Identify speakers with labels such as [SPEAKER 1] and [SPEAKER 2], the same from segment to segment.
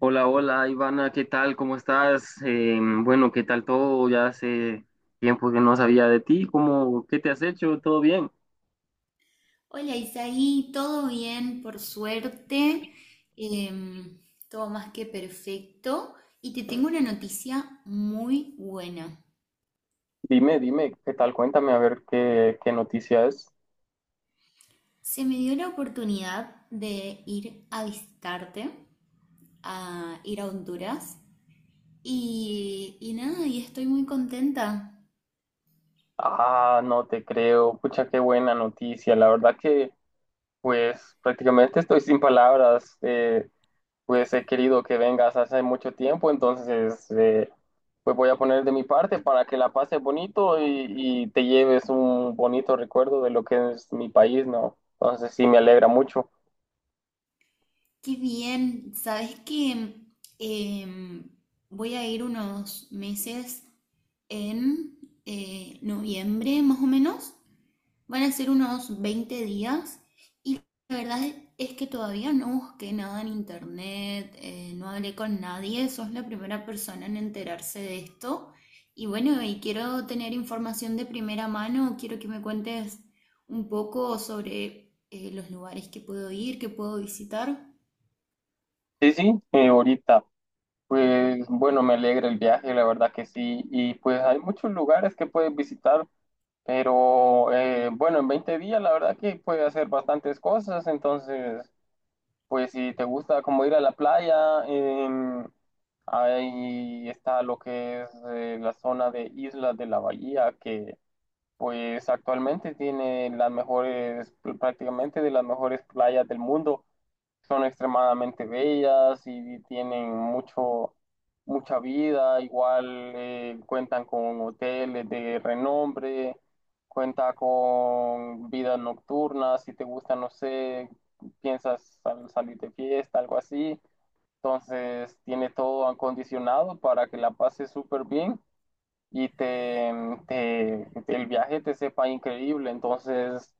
[SPEAKER 1] Hola, hola, Ivana, ¿qué tal? ¿Cómo estás? Bueno, ¿qué tal todo? Ya hace tiempo que no sabía de ti. ¿Cómo, qué te has hecho? ¿Todo bien?
[SPEAKER 2] Hola Isaí, todo bien, por suerte. Em, Todo más que perfecto. Y te tengo una noticia muy buena.
[SPEAKER 1] Dime, dime, ¿qué tal? Cuéntame a ver qué noticia es.
[SPEAKER 2] Se me dio la oportunidad de ir a visitarte, a ir a Honduras. Y nada, y estoy muy contenta.
[SPEAKER 1] Ah, no te creo. Pucha, qué buena noticia. La verdad que, pues, prácticamente estoy sin palabras. Pues he querido que vengas hace mucho tiempo, entonces pues voy a poner de mi parte para que la pases bonito y te lleves un bonito recuerdo de lo que es mi país, ¿no? Entonces sí, me alegra mucho.
[SPEAKER 2] Qué bien. Sabes que em, voy a ir unos meses en noviembre más o menos. Van a ser unos 20 días. La verdad es que todavía no busqué nada en internet, no hablé con nadie, sos la primera persona en enterarse de esto. Y bueno, y quiero tener información de primera mano, quiero que me cuentes un poco sobre los lugares que puedo ir, que puedo visitar.
[SPEAKER 1] Sí, sí, ahorita, pues bueno, me alegra el viaje, la verdad que sí, y pues hay muchos lugares que puedes visitar, pero bueno, en 20 días la verdad que puedes hacer bastantes cosas, entonces... Pues si te gusta como ir a la playa, ahí está lo que es la zona de Islas de la Bahía, que pues actualmente tiene las mejores, prácticamente de las mejores playas del mundo son extremadamente bellas y tienen mucha vida, igual cuentan con hoteles de renombre, cuenta con vidas nocturnas, si te gusta, no sé, piensas salir de fiesta, algo así, entonces tiene todo acondicionado para que la pases súper bien y el viaje te sepa increíble, entonces...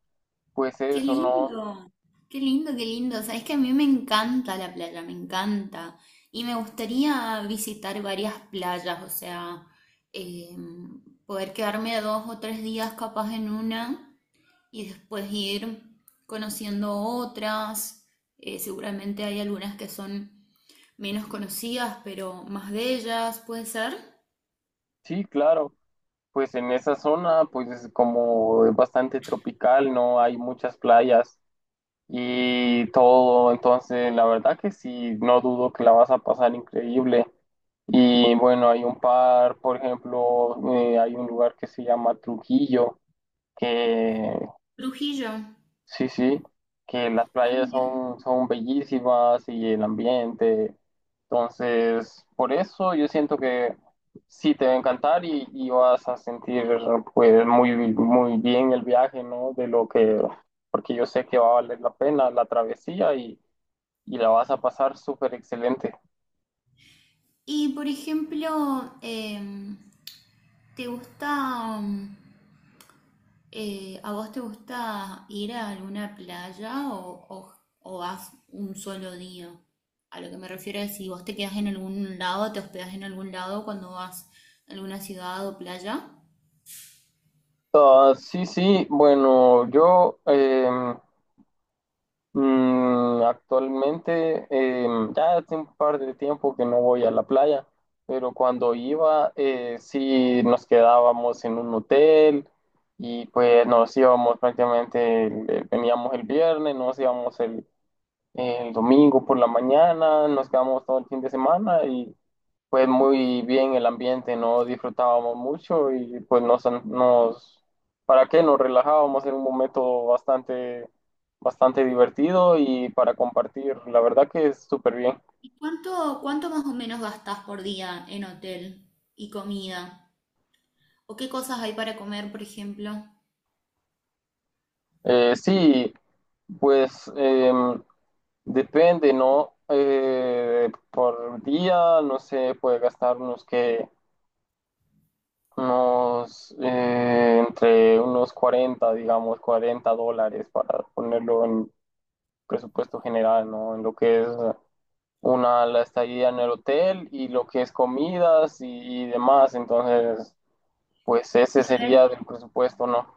[SPEAKER 1] Pues
[SPEAKER 2] Qué
[SPEAKER 1] eso, ¿no?
[SPEAKER 2] lindo, qué lindo. Sabes que a mí me encanta la playa, me encanta. Y me gustaría visitar varias playas, o sea, eh, poder quedarme 2 o 3 días capaz en una y después ir conociendo otras. Seguramente hay algunas que son menos conocidas, pero más de ellas, puede ser.
[SPEAKER 1] Sí, claro. Pues en esa zona, pues es como es bastante tropical, no hay muchas playas y todo. Entonces, la verdad que sí, no dudo que la vas a pasar increíble. Y bueno, hay un par, por ejemplo, hay un lugar que se llama Trujillo, que
[SPEAKER 2] Trujillo.
[SPEAKER 1] sí, sí, que las
[SPEAKER 2] Ah,
[SPEAKER 1] playas
[SPEAKER 2] mira.
[SPEAKER 1] son bellísimas y el ambiente. Entonces, por eso yo siento que sí te va a encantar y vas a sentir pues muy, muy bien el viaje, ¿no? De lo que, porque yo sé que va a valer la pena la travesía y la vas a pasar súper excelente.
[SPEAKER 2] Y por ejemplo, ¿te gusta? ¿A vos te gusta ir a alguna o vas un solo día? A lo que me refiero es si vos te quedás en algún lado, te hospedás en algún lado cuando vas a alguna ciudad o playa.
[SPEAKER 1] Ah, sí, sí, bueno, yo actualmente, ya hace un par de tiempo que no voy a la playa, pero cuando iba, sí nos quedábamos en un hotel y pues nos íbamos prácticamente, veníamos el viernes, nos íbamos el domingo por la mañana, nos quedamos todo el fin de semana fue muy bien el ambiente, no disfrutábamos mucho y pues ¿para qué? Nos relajábamos en un momento bastante, bastante divertido y para compartir, la verdad que es súper bien.
[SPEAKER 2] ¿Y cuánto más o menos gastás por día en hotel y comida? ¿O qué cosas hay para comer, por ejemplo? A
[SPEAKER 1] Sí, pues depende, ¿no? Por día, no sé, puede gastar unos, entre unos 40 digamos, $40 para ponerlo en presupuesto general, ¿no? En lo que es la estadía en el hotel y lo que es comidas y demás. Entonces, pues ese
[SPEAKER 2] ver,
[SPEAKER 1] sería del presupuesto, ¿no?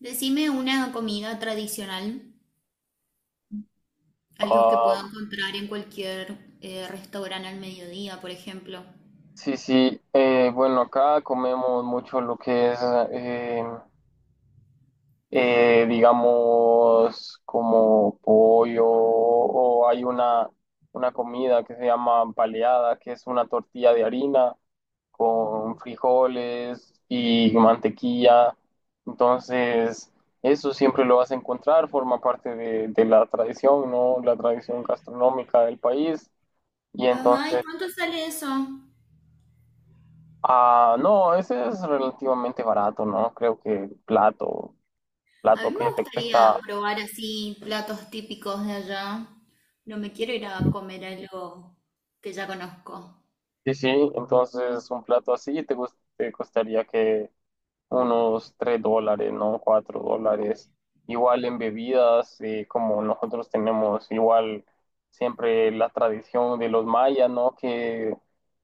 [SPEAKER 2] decime una comida tradicional, algo que pueda
[SPEAKER 1] Ah,
[SPEAKER 2] encontrar en cualquier restaurante al mediodía, por ejemplo.
[SPEAKER 1] sí, sí. Bueno, acá comemos mucho lo que es eh, digamos, como pollo, o hay una comida que se llama paleada, que es una tortilla de harina con frijoles y mantequilla. Entonces, eso siempre lo vas a encontrar, forma parte de la tradición, ¿no? La tradición gastronómica del país. Y
[SPEAKER 2] Ajá, ¿y
[SPEAKER 1] entonces,
[SPEAKER 2] cuánto sale eso?
[SPEAKER 1] ah, no, ese es relativamente barato, ¿no? Creo que plato,
[SPEAKER 2] A mí
[SPEAKER 1] plato
[SPEAKER 2] me
[SPEAKER 1] que te cuesta
[SPEAKER 2] gustaría probar así platos típicos de allá. No me quiero ir a comer algo que ya conozco.
[SPEAKER 1] sí, sí, entonces un plato así te costaría que unos $3, ¿no? $4. Igual en bebidas, como nosotros tenemos igual siempre la tradición de los mayas, ¿no? Que,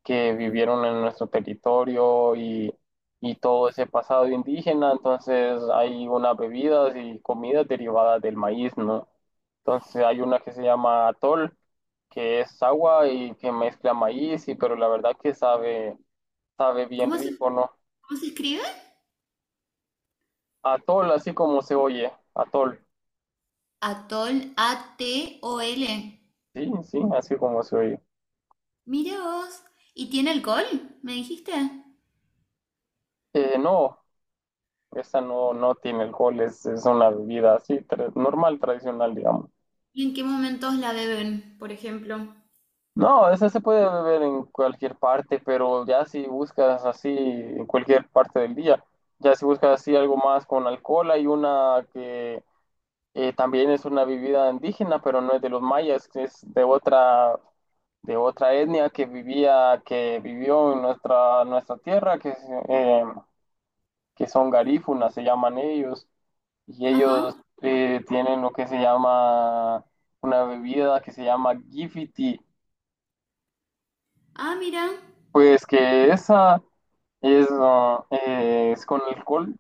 [SPEAKER 1] que vivieron en nuestro territorio y todo ese pasado indígena, entonces hay unas bebidas y comidas derivadas del maíz, ¿no? Entonces hay una que se llama atol, que es agua y que mezcla maíz, pero la verdad que sabe bien
[SPEAKER 2] ¿Cómo se,
[SPEAKER 1] rico, ¿no?
[SPEAKER 2] ¿cómo se escribe?
[SPEAKER 1] Atol, así como se oye. Atol.
[SPEAKER 2] Atol, ATOL.
[SPEAKER 1] Sí, sí, así como se oye.
[SPEAKER 2] Mira vos. ¿Y tiene alcohol? ¿Me dijiste?
[SPEAKER 1] No, esa no, no tiene alcohol, es una bebida así, normal, tradicional, digamos.
[SPEAKER 2] ¿Y en qué momentos la beben, por ejemplo?
[SPEAKER 1] No, esa se puede beber en cualquier parte, pero ya si buscas así en cualquier parte del día, ya si buscas así algo más con alcohol, hay una que también es una bebida indígena, pero no es de los mayas, que es de otra etnia que vivió en nuestra tierra, que es, eh, que son garífunas, se llaman ellos, y
[SPEAKER 2] Ajá.
[SPEAKER 1] ellos tienen lo que se llama una bebida que se llama Gifiti,
[SPEAKER 2] Ah, mira.
[SPEAKER 1] pues que esa es con alcohol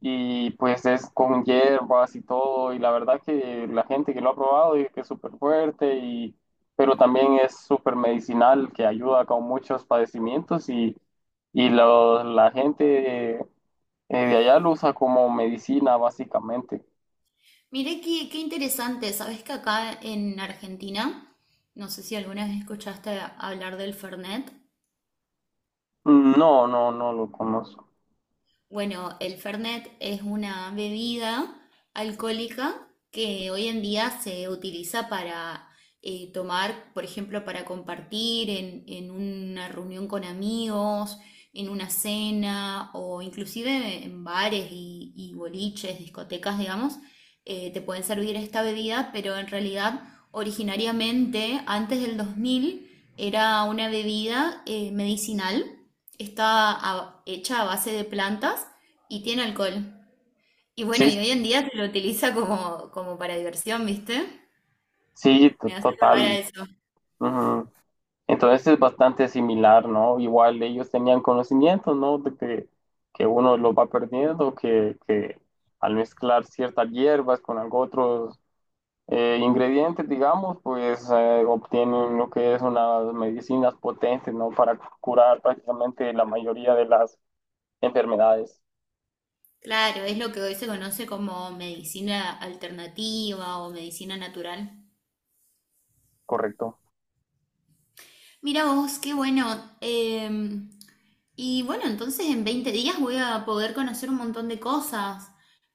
[SPEAKER 1] y pues es con hierbas y todo, y la verdad que la gente que lo ha probado dice que es súper fuerte, pero también es súper medicinal, que ayuda con muchos padecimientos la gente de allá lo usa como medicina básicamente.
[SPEAKER 2] Mira qué interesante. ¿Sabés que acá en Argentina, no sé si alguna vez escuchaste hablar del Fernet?
[SPEAKER 1] Mm. No, no, no lo conozco.
[SPEAKER 2] Bueno, el Fernet es una bebida alcohólica que hoy en día se utiliza para tomar, por ejemplo, para compartir en una reunión con amigos, en una cena o inclusive en bares y boliches, discotecas, digamos, te pueden servir esta bebida, pero en realidad originariamente, antes del 2000, era una bebida medicinal. Está hecha a base de plantas y tiene alcohol. Y bueno,
[SPEAKER 1] Sí,
[SPEAKER 2] y hoy en día se lo utiliza como para diversión, ¿viste?
[SPEAKER 1] sí,
[SPEAKER 2] Me hace acordar a
[SPEAKER 1] total.
[SPEAKER 2] eso.
[SPEAKER 1] Ujú. Entonces es bastante similar, ¿no? Igual ellos tenían conocimientos, ¿no? Que uno lo va perdiendo, que al mezclar ciertas hierbas con algo otros ingredientes, digamos, pues obtienen lo que es unas medicinas potentes, ¿no? Para curar prácticamente la mayoría de las enfermedades,
[SPEAKER 2] Claro, es lo que hoy se conoce como medicina alternativa o medicina natural.
[SPEAKER 1] ¿correcto?
[SPEAKER 2] Mira vos, qué bueno. Y bueno, entonces en 20 días voy a poder conocer un montón de cosas.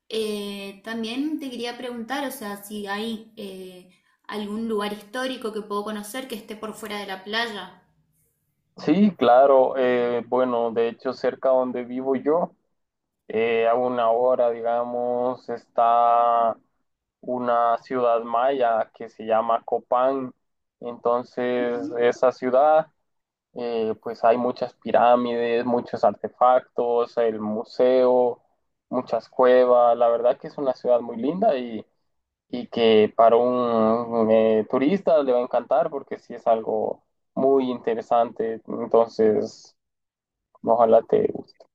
[SPEAKER 2] También te quería preguntar, o sea, si hay algún lugar histórico que puedo conocer que esté por fuera de la playa.
[SPEAKER 1] Sí, claro. Bueno, de hecho, cerca donde vivo yo. A una hora, digamos, está una ciudad maya que se llama Copán. Entonces, esa ciudad, pues hay muchas pirámides, muchos artefactos, el museo, muchas cuevas. La verdad que es una ciudad muy linda y que para un turista le va a encantar porque sí es algo muy interesante. Entonces, ojalá te guste.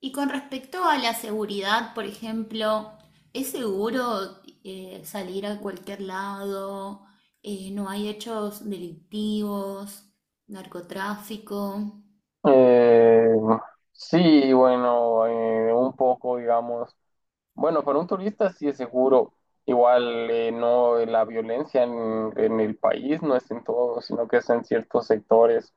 [SPEAKER 2] Y con respecto a la seguridad, por ejemplo, ¿es seguro salir a cualquier lado? ¿No hay hechos delictivos, narcotráfico?
[SPEAKER 1] Eh, sí, bueno, un poco, digamos. Bueno, para un turista sí es seguro. Igual no la violencia en el país no es en todo, sino que es en ciertos sectores.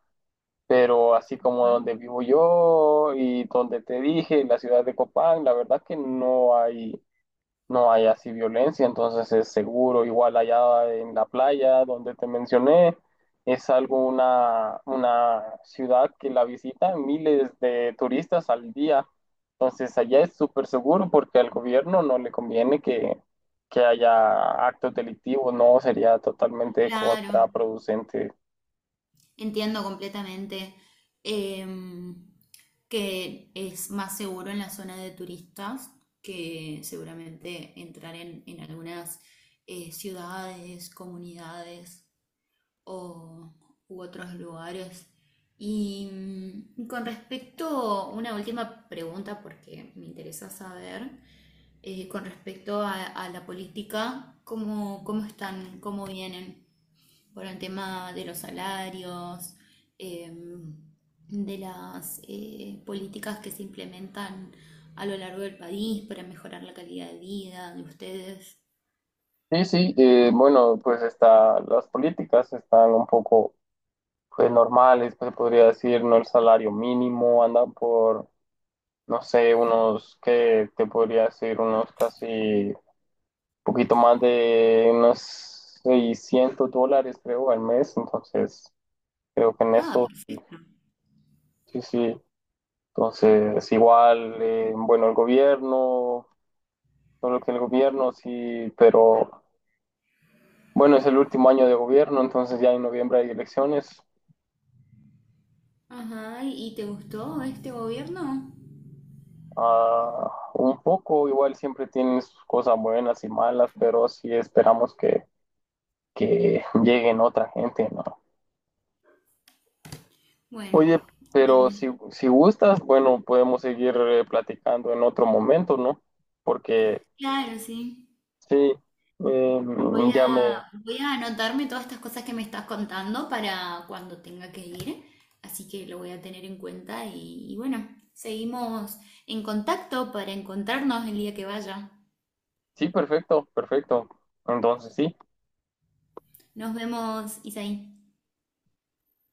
[SPEAKER 1] Pero así como donde vivo yo y donde te dije, la ciudad de Copán, la verdad que no hay así violencia, entonces es seguro. Igual allá en la playa donde te mencioné, es algo una ciudad que la visitan miles de turistas al día. Entonces allá es súper seguro porque al gobierno no le conviene que, haya actos delictivos, no sería totalmente
[SPEAKER 2] Claro,
[SPEAKER 1] contraproducente.
[SPEAKER 2] entiendo completamente em, que es más seguro en la zona de turistas que seguramente entrar en algunas ciudades, comunidades. O, u otros lugares. Y con respecto, una última pregunta porque me interesa saber, con respecto a la política, cómo están, cómo vienen por el tema de los salarios, em, de las políticas que se implementan a lo largo del país para mejorar la calidad de vida de ustedes?
[SPEAKER 1] Sí, sí, bueno, pues las políticas están un poco pues normales, pues se podría decir, no el salario mínimo, andan por no sé, unos, ¿que te podría decir? Unos casi, poquito más de unos $600, creo, al mes. Entonces, creo que en
[SPEAKER 2] Ah,
[SPEAKER 1] eso, sí,
[SPEAKER 2] perfecto.
[SPEAKER 1] sí, sí. Entonces, igual, bueno, solo que el gobierno, sí, pero bueno, es el último año de gobierno, entonces ya en noviembre hay elecciones.
[SPEAKER 2] Ajá, ¿y te gustó este gobierno?
[SPEAKER 1] Ah, un poco, igual siempre tienen sus cosas buenas y malas, pero sí esperamos que, lleguen otra gente, ¿no?
[SPEAKER 2] Bueno,
[SPEAKER 1] Oye, pero
[SPEAKER 2] eh,
[SPEAKER 1] si gustas, bueno, podemos seguir platicando en otro momento, ¿no? Porque
[SPEAKER 2] claro, sí.
[SPEAKER 1] sí, eh, ya me...
[SPEAKER 2] Voy a anotarme todas estas cosas que me estás contando para cuando tenga que ir, así que lo voy a tener en cuenta y bueno, seguimos en contacto para encontrarnos el día que vaya.
[SPEAKER 1] Sí, perfecto, perfecto. Entonces sí.
[SPEAKER 2] Nos vemos, Isaí.